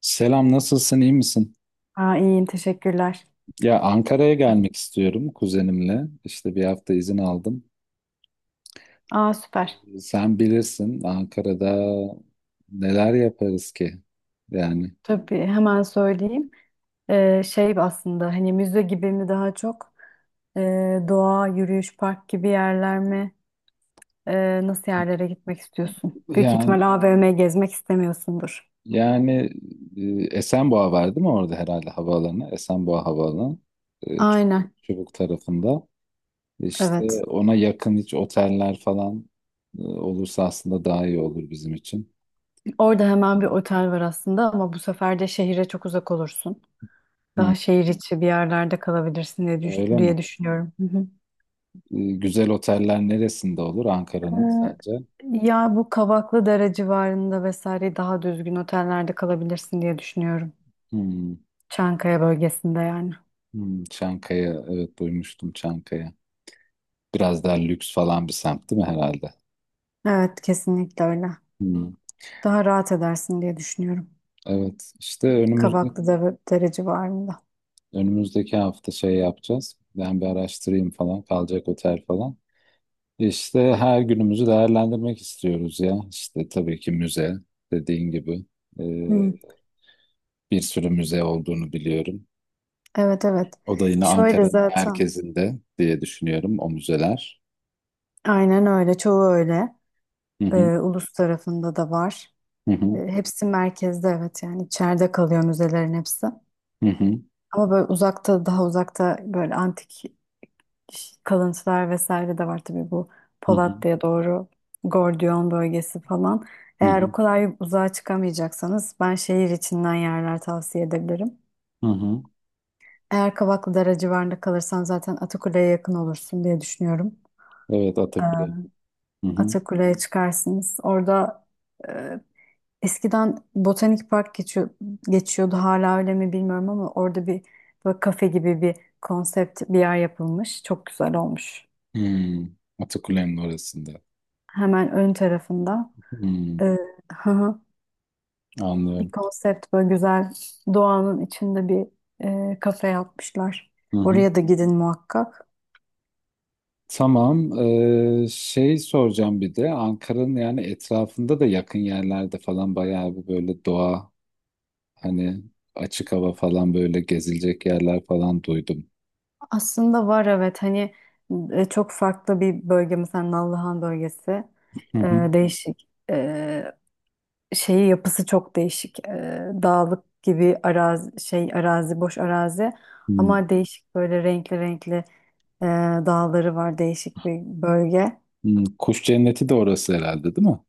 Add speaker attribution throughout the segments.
Speaker 1: Selam, nasılsın, iyi misin?
Speaker 2: İyiyim teşekkürler.
Speaker 1: Ya Ankara'ya gelmek istiyorum kuzenimle. İşte bir hafta izin aldım.
Speaker 2: Süper.
Speaker 1: Sen bilirsin Ankara'da neler yaparız ki? Yani
Speaker 2: Tabii hemen söyleyeyim. Şey, aslında hani müze gibi mi daha çok? Doğa, yürüyüş, park gibi yerler mi? Nasıl yerlere gitmek istiyorsun? Büyük
Speaker 1: yani
Speaker 2: ihtimal AVM gezmek istemiyorsundur.
Speaker 1: yani Esenboğa var değil mi orada herhalde havaalanı? Esenboğa Havaalanı. e, Ç-
Speaker 2: Aynen,
Speaker 1: Çubuk tarafında.
Speaker 2: evet.
Speaker 1: İşte ona yakın hiç oteller falan olursa aslında daha iyi olur bizim için.
Speaker 2: Orada hemen bir
Speaker 1: Yani,
Speaker 2: otel var aslında, ama bu sefer de şehire çok uzak olursun.
Speaker 1: hı,
Speaker 2: Daha şehir içi bir yerlerde kalabilirsin diye,
Speaker 1: öyle mi?
Speaker 2: diye düşünüyorum.
Speaker 1: E, Güzel oteller neresinde olur Ankara'nın
Speaker 2: Ee,
Speaker 1: sence?
Speaker 2: Ya bu Kavaklıdere civarında vesaire daha düzgün otellerde kalabilirsin diye düşünüyorum.
Speaker 1: Hmm,
Speaker 2: Çankaya bölgesinde, yani.
Speaker 1: hmm. Çankaya, evet duymuştum Çankaya. Biraz daha lüks falan bir semt değil mi herhalde?
Speaker 2: Evet, kesinlikle öyle.
Speaker 1: Hmm.
Speaker 2: Daha rahat edersin diye düşünüyorum.
Speaker 1: Evet, işte
Speaker 2: Kavaklıdere civarında.
Speaker 1: önümüzdeki hafta şey yapacağız. Ben bir araştırayım falan, kalacak otel falan. İşte her günümüzü değerlendirmek istiyoruz ya. İşte tabii ki müze, dediğin gibi. Ee,
Speaker 2: Hı,
Speaker 1: bir sürü müze olduğunu biliyorum.
Speaker 2: evet, evet.
Speaker 1: O da yine
Speaker 2: Şöyle
Speaker 1: Ankara
Speaker 2: zaten.
Speaker 1: merkezinde diye düşünüyorum o müzeler.
Speaker 2: Aynen öyle. Çoğu öyle.
Speaker 1: Hı hı,
Speaker 2: Ulus tarafında da var.
Speaker 1: hı hı,
Speaker 2: Hepsi merkezde, evet, yani içeride kalıyor müzelerin hepsi.
Speaker 1: hı hı,
Speaker 2: Ama böyle uzakta, daha uzakta, böyle antik kalıntılar vesaire de var tabii, bu
Speaker 1: hı hı,
Speaker 2: Polatlı'ya doğru Gordiyon bölgesi falan.
Speaker 1: hı
Speaker 2: Eğer o
Speaker 1: hı,
Speaker 2: kadar uzağa çıkamayacaksanız, ben şehir içinden yerler tavsiye edebilirim.
Speaker 1: hı.
Speaker 2: Eğer Kavaklıdere civarında kalırsan zaten Atakule'ye yakın olursun diye düşünüyorum.
Speaker 1: Evet, Atakule.
Speaker 2: Ee,
Speaker 1: Hı hı.
Speaker 2: Atakule'ye çıkarsınız. Orada, e, eskiden Botanik Park geçiyor, geçiyordu, hala öyle mi bilmiyorum, ama orada bir böyle kafe gibi bir konsept bir yer yapılmış. Çok güzel olmuş.
Speaker 1: Hmm. Atakule'nin orasında.
Speaker 2: Hemen ön tarafında. Ee,
Speaker 1: Hmm.
Speaker 2: hı hı. Bir
Speaker 1: Anlıyorum.
Speaker 2: konsept böyle güzel, doğanın içinde bir kafe yapmışlar.
Speaker 1: Hı hı.
Speaker 2: Oraya da gidin muhakkak.
Speaker 1: Tamam. Şey soracağım bir de Ankara'nın yani etrafında da yakın yerlerde falan bayağı bir böyle doğa hani açık hava falan böyle gezilecek yerler falan duydum.
Speaker 2: Aslında var, evet, hani çok farklı bir bölge, mesela Nallıhan bölgesi.
Speaker 1: Hı hı.
Speaker 2: Ee, Değişik. Şeyi, yapısı çok değişik. Dağlık gibi arazi, şey arazi, boş arazi,
Speaker 1: Hmm.
Speaker 2: ama değişik, böyle renkli renkli e, dağları var, değişik bir bölge.
Speaker 1: Hmm. Kuş cenneti de orası herhalde değil mi?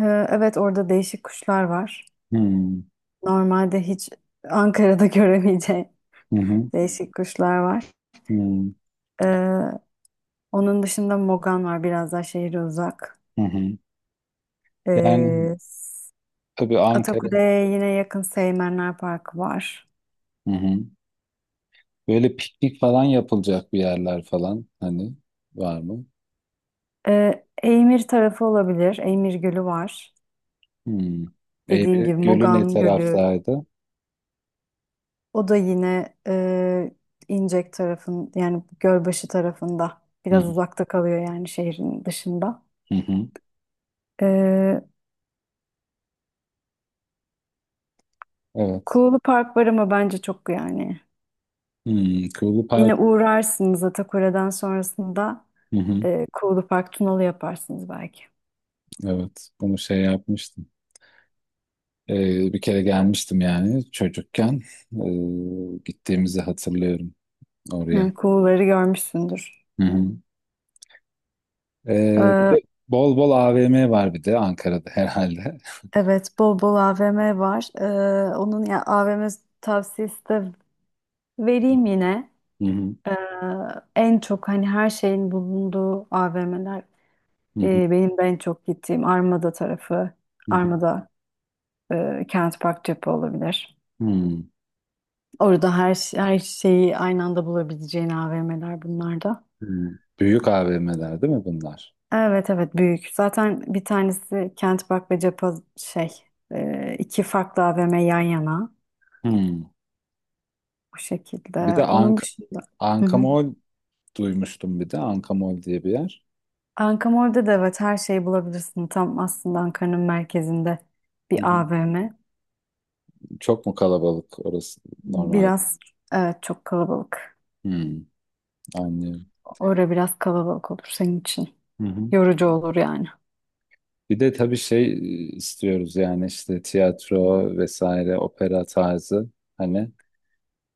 Speaker 2: Ee, evet, orada değişik kuşlar var.
Speaker 1: Hmm.
Speaker 2: Normalde hiç Ankara'da göremeyeceğin
Speaker 1: Hı hı.
Speaker 2: değişik kuşlar var.
Speaker 1: Hmm.
Speaker 2: Ee, Onun dışında Mogan var, biraz daha şehre uzak.
Speaker 1: Hı hı. Yani
Speaker 2: Ee,
Speaker 1: tabii Ankara.
Speaker 2: Atakule'ye yine yakın Seymenler Parkı var.
Speaker 1: Hı hı. Böyle piknik falan yapılacak bir yerler falan hani var mı?
Speaker 2: Eymir tarafı olabilir. Eymir Gölü var.
Speaker 1: Hmm.
Speaker 2: Dediğim
Speaker 1: Eymeri
Speaker 2: gibi
Speaker 1: Gölü ne
Speaker 2: Mogan Gölü.
Speaker 1: taraftaydı?
Speaker 2: O da yine İncek tarafın, yani Gölbaşı tarafında.
Speaker 1: Hı hı,
Speaker 2: Biraz uzakta kalıyor, yani şehrin dışında.
Speaker 1: hı hı.
Speaker 2: Ee,
Speaker 1: Evet.
Speaker 2: Kuğulu Park var ama bence çok, yani.
Speaker 1: Hmm. Kuğulu Park.
Speaker 2: Yine uğrarsınız Atakure'den sonrasında
Speaker 1: Hı hı.
Speaker 2: Kuğulu Park, Tunalı yaparsınız belki.
Speaker 1: Evet. Bunu şey yapmıştım. Bir kere gelmiştim yani çocukken. Gittiğimizi hatırlıyorum oraya.
Speaker 2: Yani Kuğuları görmüşsündür.
Speaker 1: Hı hı. Bir
Speaker 2: Ee,
Speaker 1: de bol bol AVM var bir de Ankara'da herhalde.
Speaker 2: evet, bol bol AVM var. Onun, ya AVM tavsiyesi de vereyim yine.
Speaker 1: Hı hı.
Speaker 2: Ee, En çok hani her şeyin bulunduğu AVM'ler,
Speaker 1: Hı hı.
Speaker 2: benim de en çok gittiğim Armada tarafı.
Speaker 1: Hı hı.
Speaker 2: Armada, Kent Park, Cephe olabilir.
Speaker 1: Hmm.
Speaker 2: Orada her şeyi aynı anda bulabileceğin AVM'ler bunlar da.
Speaker 1: Hmm. Büyük AVM'ler değil mi bunlar?
Speaker 2: Evet, evet, büyük. Zaten bir tanesi Kent Park ve Cephe, şey, iki farklı AVM yan yana
Speaker 1: Hmm.
Speaker 2: bu
Speaker 1: Bir
Speaker 2: şekilde.
Speaker 1: de
Speaker 2: Onun
Speaker 1: Ank
Speaker 2: dışında. Hı hı.
Speaker 1: Ankamol duymuştum bir de Ankamol diye bir yer.
Speaker 2: Ankamol'de de evet her şeyi bulabilirsin. Tam aslında Ankara'nın merkezinde
Speaker 1: Hı
Speaker 2: bir
Speaker 1: hı.
Speaker 2: AVM.
Speaker 1: Çok mu kalabalık orası normal?
Speaker 2: Biraz, evet, çok kalabalık.
Speaker 1: Hmm, anlıyorum.
Speaker 2: Orada biraz kalabalık olur senin için.
Speaker 1: Hı hı.
Speaker 2: Yorucu olur, yani.
Speaker 1: Bir de tabii şey istiyoruz yani işte tiyatro vesaire opera tarzı hani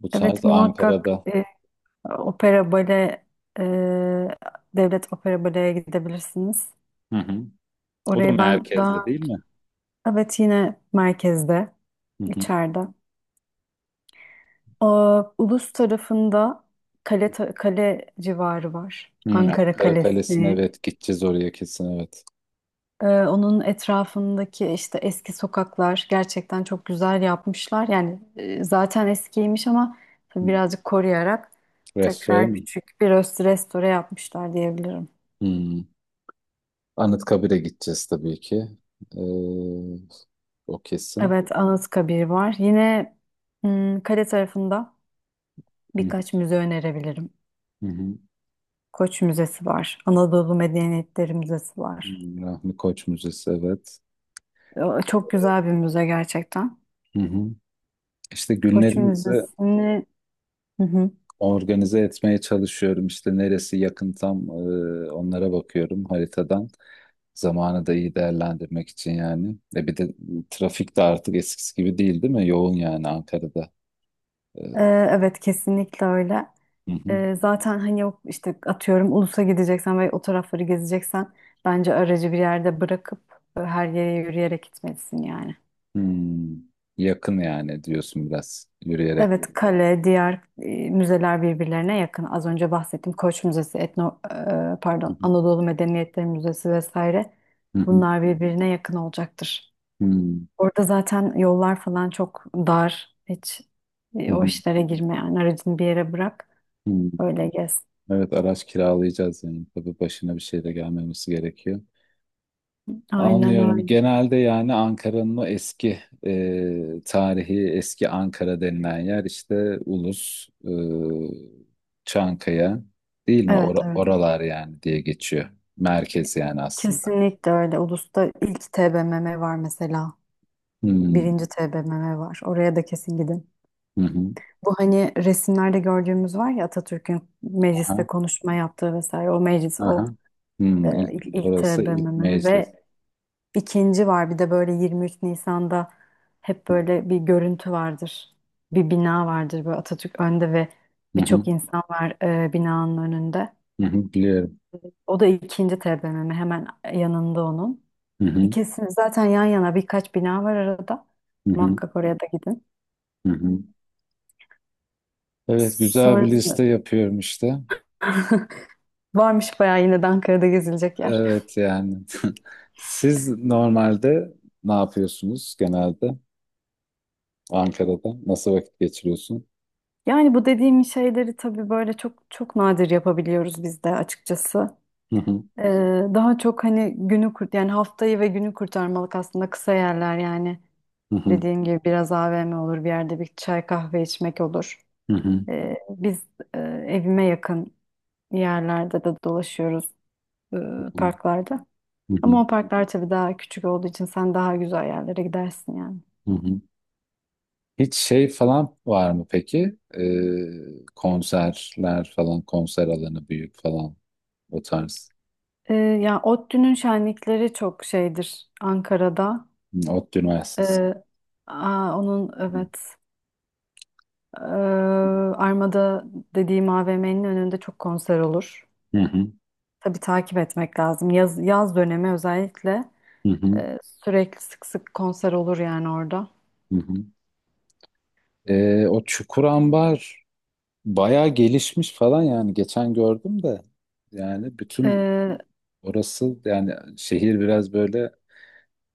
Speaker 1: bu tarz
Speaker 2: Evet, muhakkak
Speaker 1: Ankara'da.
Speaker 2: opera bale, e, devlet opera baleye gidebilirsiniz.
Speaker 1: Hı hı. O da
Speaker 2: Orayı ben
Speaker 1: merkezde
Speaker 2: daha.
Speaker 1: değil mi?
Speaker 2: Evet, yine merkezde,
Speaker 1: Hı hı.
Speaker 2: içeride. Ulus tarafında kale, kale civarı var.
Speaker 1: Hı,
Speaker 2: Ankara
Speaker 1: Ankara Kalesi'ne
Speaker 2: Kalesi.
Speaker 1: evet gideceğiz oraya kesin evet.
Speaker 2: Onun etrafındaki işte eski sokaklar gerçekten çok güzel yapmışlar. Yani zaten eskiymiş ama
Speaker 1: Hı.
Speaker 2: tabii birazcık koruyarak
Speaker 1: Restorana
Speaker 2: tekrar
Speaker 1: mı?
Speaker 2: küçük bir restore yapmışlar diyebilirim.
Speaker 1: Hı. Anıtkabir'e gideceğiz tabii ki. Ee, o kesin.
Speaker 2: Evet, Anıtkabir var. Yine, kale tarafında
Speaker 1: Hı hı.
Speaker 2: birkaç müze önerebilirim.
Speaker 1: Hı hı.
Speaker 2: Koç Müzesi var. Anadolu Medeniyetleri Müzesi var.
Speaker 1: Rahmi Koç Müzesi evet.
Speaker 2: Çok güzel bir müze gerçekten.
Speaker 1: Hı hı. İşte
Speaker 2: Koç
Speaker 1: günlerimizi
Speaker 2: Müzesi'ni. Hı hı.
Speaker 1: organize etmeye çalışıyorum. İşte neresi yakın tam onlara bakıyorum haritadan. Zamanı da iyi değerlendirmek için yani. E bir de trafik de artık eskisi gibi değil mi? Yoğun yani Ankara'da. E,
Speaker 2: Ee, evet, kesinlikle öyle.
Speaker 1: hı hı.
Speaker 2: Zaten hani yok işte, atıyorum Ulus'a gideceksen ve o tarafları gezeceksen bence aracı bir yerde bırakıp her yere yürüyerek gitmelisin, yani.
Speaker 1: Hmm. Yakın yani diyorsun biraz yürüyerek.
Speaker 2: Evet kale, diğer müzeler birbirlerine yakın. Az önce bahsettiğim Koç Müzesi,
Speaker 1: Hı
Speaker 2: pardon,
Speaker 1: hı.
Speaker 2: Anadolu Medeniyetleri Müzesi vesaire.
Speaker 1: Hı hı.
Speaker 2: Bunlar birbirine yakın olacaktır.
Speaker 1: Hmm.
Speaker 2: Orada zaten yollar falan çok dar. Hiç
Speaker 1: Hı
Speaker 2: o
Speaker 1: hı.
Speaker 2: işlere girme, yani aracını bir yere bırak,
Speaker 1: Hmm.
Speaker 2: öyle gez.
Speaker 1: Evet araç kiralayacağız yani. Tabii başına bir şey de gelmemesi gerekiyor.
Speaker 2: Aynen
Speaker 1: Anlıyorum.
Speaker 2: öyle.
Speaker 1: Genelde yani Ankara'nın o eski tarihi, eski Ankara denilen yer işte Ulus, Çankaya değil mi?
Speaker 2: Evet, evet.
Speaker 1: Oralar yani diye geçiyor. Merkez yani aslında.
Speaker 2: Kesinlikle öyle. Ulus'ta ilk TBMM var mesela.
Speaker 1: Hmm.
Speaker 2: Birinci TBMM var. Oraya da kesin gidin.
Speaker 1: Hı hı.
Speaker 2: Bu hani resimlerde gördüğümüz var ya, Atatürk'ün mecliste
Speaker 1: Aha.
Speaker 2: konuşma yaptığı vesaire. O meclis, o
Speaker 1: Aha. Hmm.
Speaker 2: ilk
Speaker 1: Orası ilk
Speaker 2: TBMM
Speaker 1: meclis.
Speaker 2: ve. İkinci var, bir de böyle 23 Nisan'da hep
Speaker 1: Hı
Speaker 2: böyle bir görüntü vardır. Bir bina vardır böyle, Atatürk önde ve
Speaker 1: hı.
Speaker 2: birçok insan var binanın önünde.
Speaker 1: Hı hı. Biliyorum.
Speaker 2: O da ikinci TBMM, hemen yanında onun.
Speaker 1: Hı hı.
Speaker 2: İkisini zaten yan yana, birkaç bina var arada.
Speaker 1: Hı hı.
Speaker 2: Muhakkak oraya da gidin.
Speaker 1: Hı hı. Evet güzel bir
Speaker 2: Sonrasında
Speaker 1: liste yapıyorum işte.
Speaker 2: varmış bayağı yine de Ankara'da gezilecek yer.
Speaker 1: Evet yani. Siz normalde ne yapıyorsunuz genelde Ankara'da? Nasıl vakit geçiriyorsun?
Speaker 2: Yani bu dediğim şeyleri tabii böyle çok çok nadir yapabiliyoruz biz de, açıkçası.
Speaker 1: Hı hı,
Speaker 2: Ee, Daha çok hani, günü kurt yani haftayı ve günü kurtarmalık aslında, kısa yerler, yani
Speaker 1: hı hı,
Speaker 2: dediğim gibi biraz AVM olur, bir yerde bir çay kahve içmek olur.
Speaker 1: hı hı,
Speaker 2: Biz e, evime yakın yerlerde de dolaşıyoruz, e,
Speaker 1: hı
Speaker 2: parklarda. Ama
Speaker 1: hı,
Speaker 2: o parklar tabii daha küçük olduğu için sen daha güzel yerlere gidersin, yani.
Speaker 1: hı hı. Hiç şey falan var mı peki? Konserler falan, konser alanı büyük falan o tarz.
Speaker 2: Ya ODTÜ'nün şenlikleri çok şeydir Ankara'da.
Speaker 1: Hı, Ot Üniversitesi.
Speaker 2: Ee, Onun,
Speaker 1: Hı
Speaker 2: evet. Ee, Armada dediğim AVM'nin önünde çok konser olur.
Speaker 1: hı,
Speaker 2: Tabii takip etmek lazım. Yaz dönemi özellikle
Speaker 1: hı hı,
Speaker 2: sürekli sık sık konser olur, yani orada.
Speaker 1: hı hı. O Çukur Ambar bayağı gelişmiş falan yani geçen gördüm de yani bütün
Speaker 2: Ee,
Speaker 1: orası yani şehir biraz böyle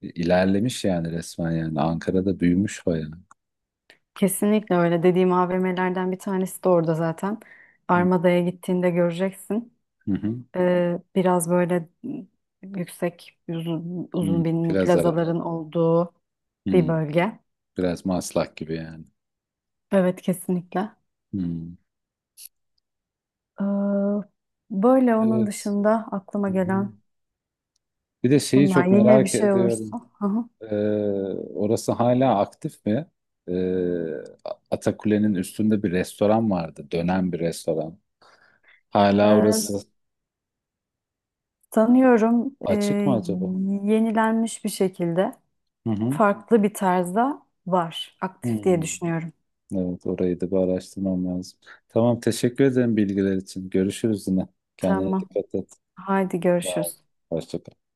Speaker 1: ilerlemiş yani resmen yani. Ankara'da büyümüş bayağı.
Speaker 2: Kesinlikle öyle. Dediğim AVM'lerden bir tanesi de orada zaten.
Speaker 1: Hı
Speaker 2: Armada'ya gittiğinde göreceksin.
Speaker 1: hı. hı.
Speaker 2: Biraz böyle yüksek, uzun, uzun
Speaker 1: Hı.
Speaker 2: bin
Speaker 1: Biraz ara.
Speaker 2: plazaların olduğu bir
Speaker 1: Hı.
Speaker 2: bölge.
Speaker 1: Biraz Maslak gibi yani.
Speaker 2: Evet kesinlikle.
Speaker 1: Hı.
Speaker 2: Ee, Böyle onun
Speaker 1: Evet.
Speaker 2: dışında aklıma
Speaker 1: Hı hı.
Speaker 2: gelen.
Speaker 1: Bir de şeyi
Speaker 2: Bunlar
Speaker 1: çok
Speaker 2: yine bir
Speaker 1: merak
Speaker 2: şey olursa.
Speaker 1: ediyorum.
Speaker 2: Hı hı.
Speaker 1: Ee, orası hala aktif mi? Ee, Atakule'nin üstünde bir restoran vardı. Dönen bir restoran. Hala orası
Speaker 2: Ee, Sanıyorum
Speaker 1: açık mı acaba?
Speaker 2: yenilenmiş bir şekilde
Speaker 1: Hı hı.
Speaker 2: farklı bir tarzda var.
Speaker 1: Hı.
Speaker 2: Aktif diye düşünüyorum.
Speaker 1: Evet, orayı da bir araştırmam lazım. Tamam, teşekkür ederim bilgiler için. Görüşürüz yine. Kendine
Speaker 2: Tamam.
Speaker 1: dikkat et.
Speaker 2: Haydi
Speaker 1: Sağ ol.
Speaker 2: görüşürüz.
Speaker 1: Hoşça kal.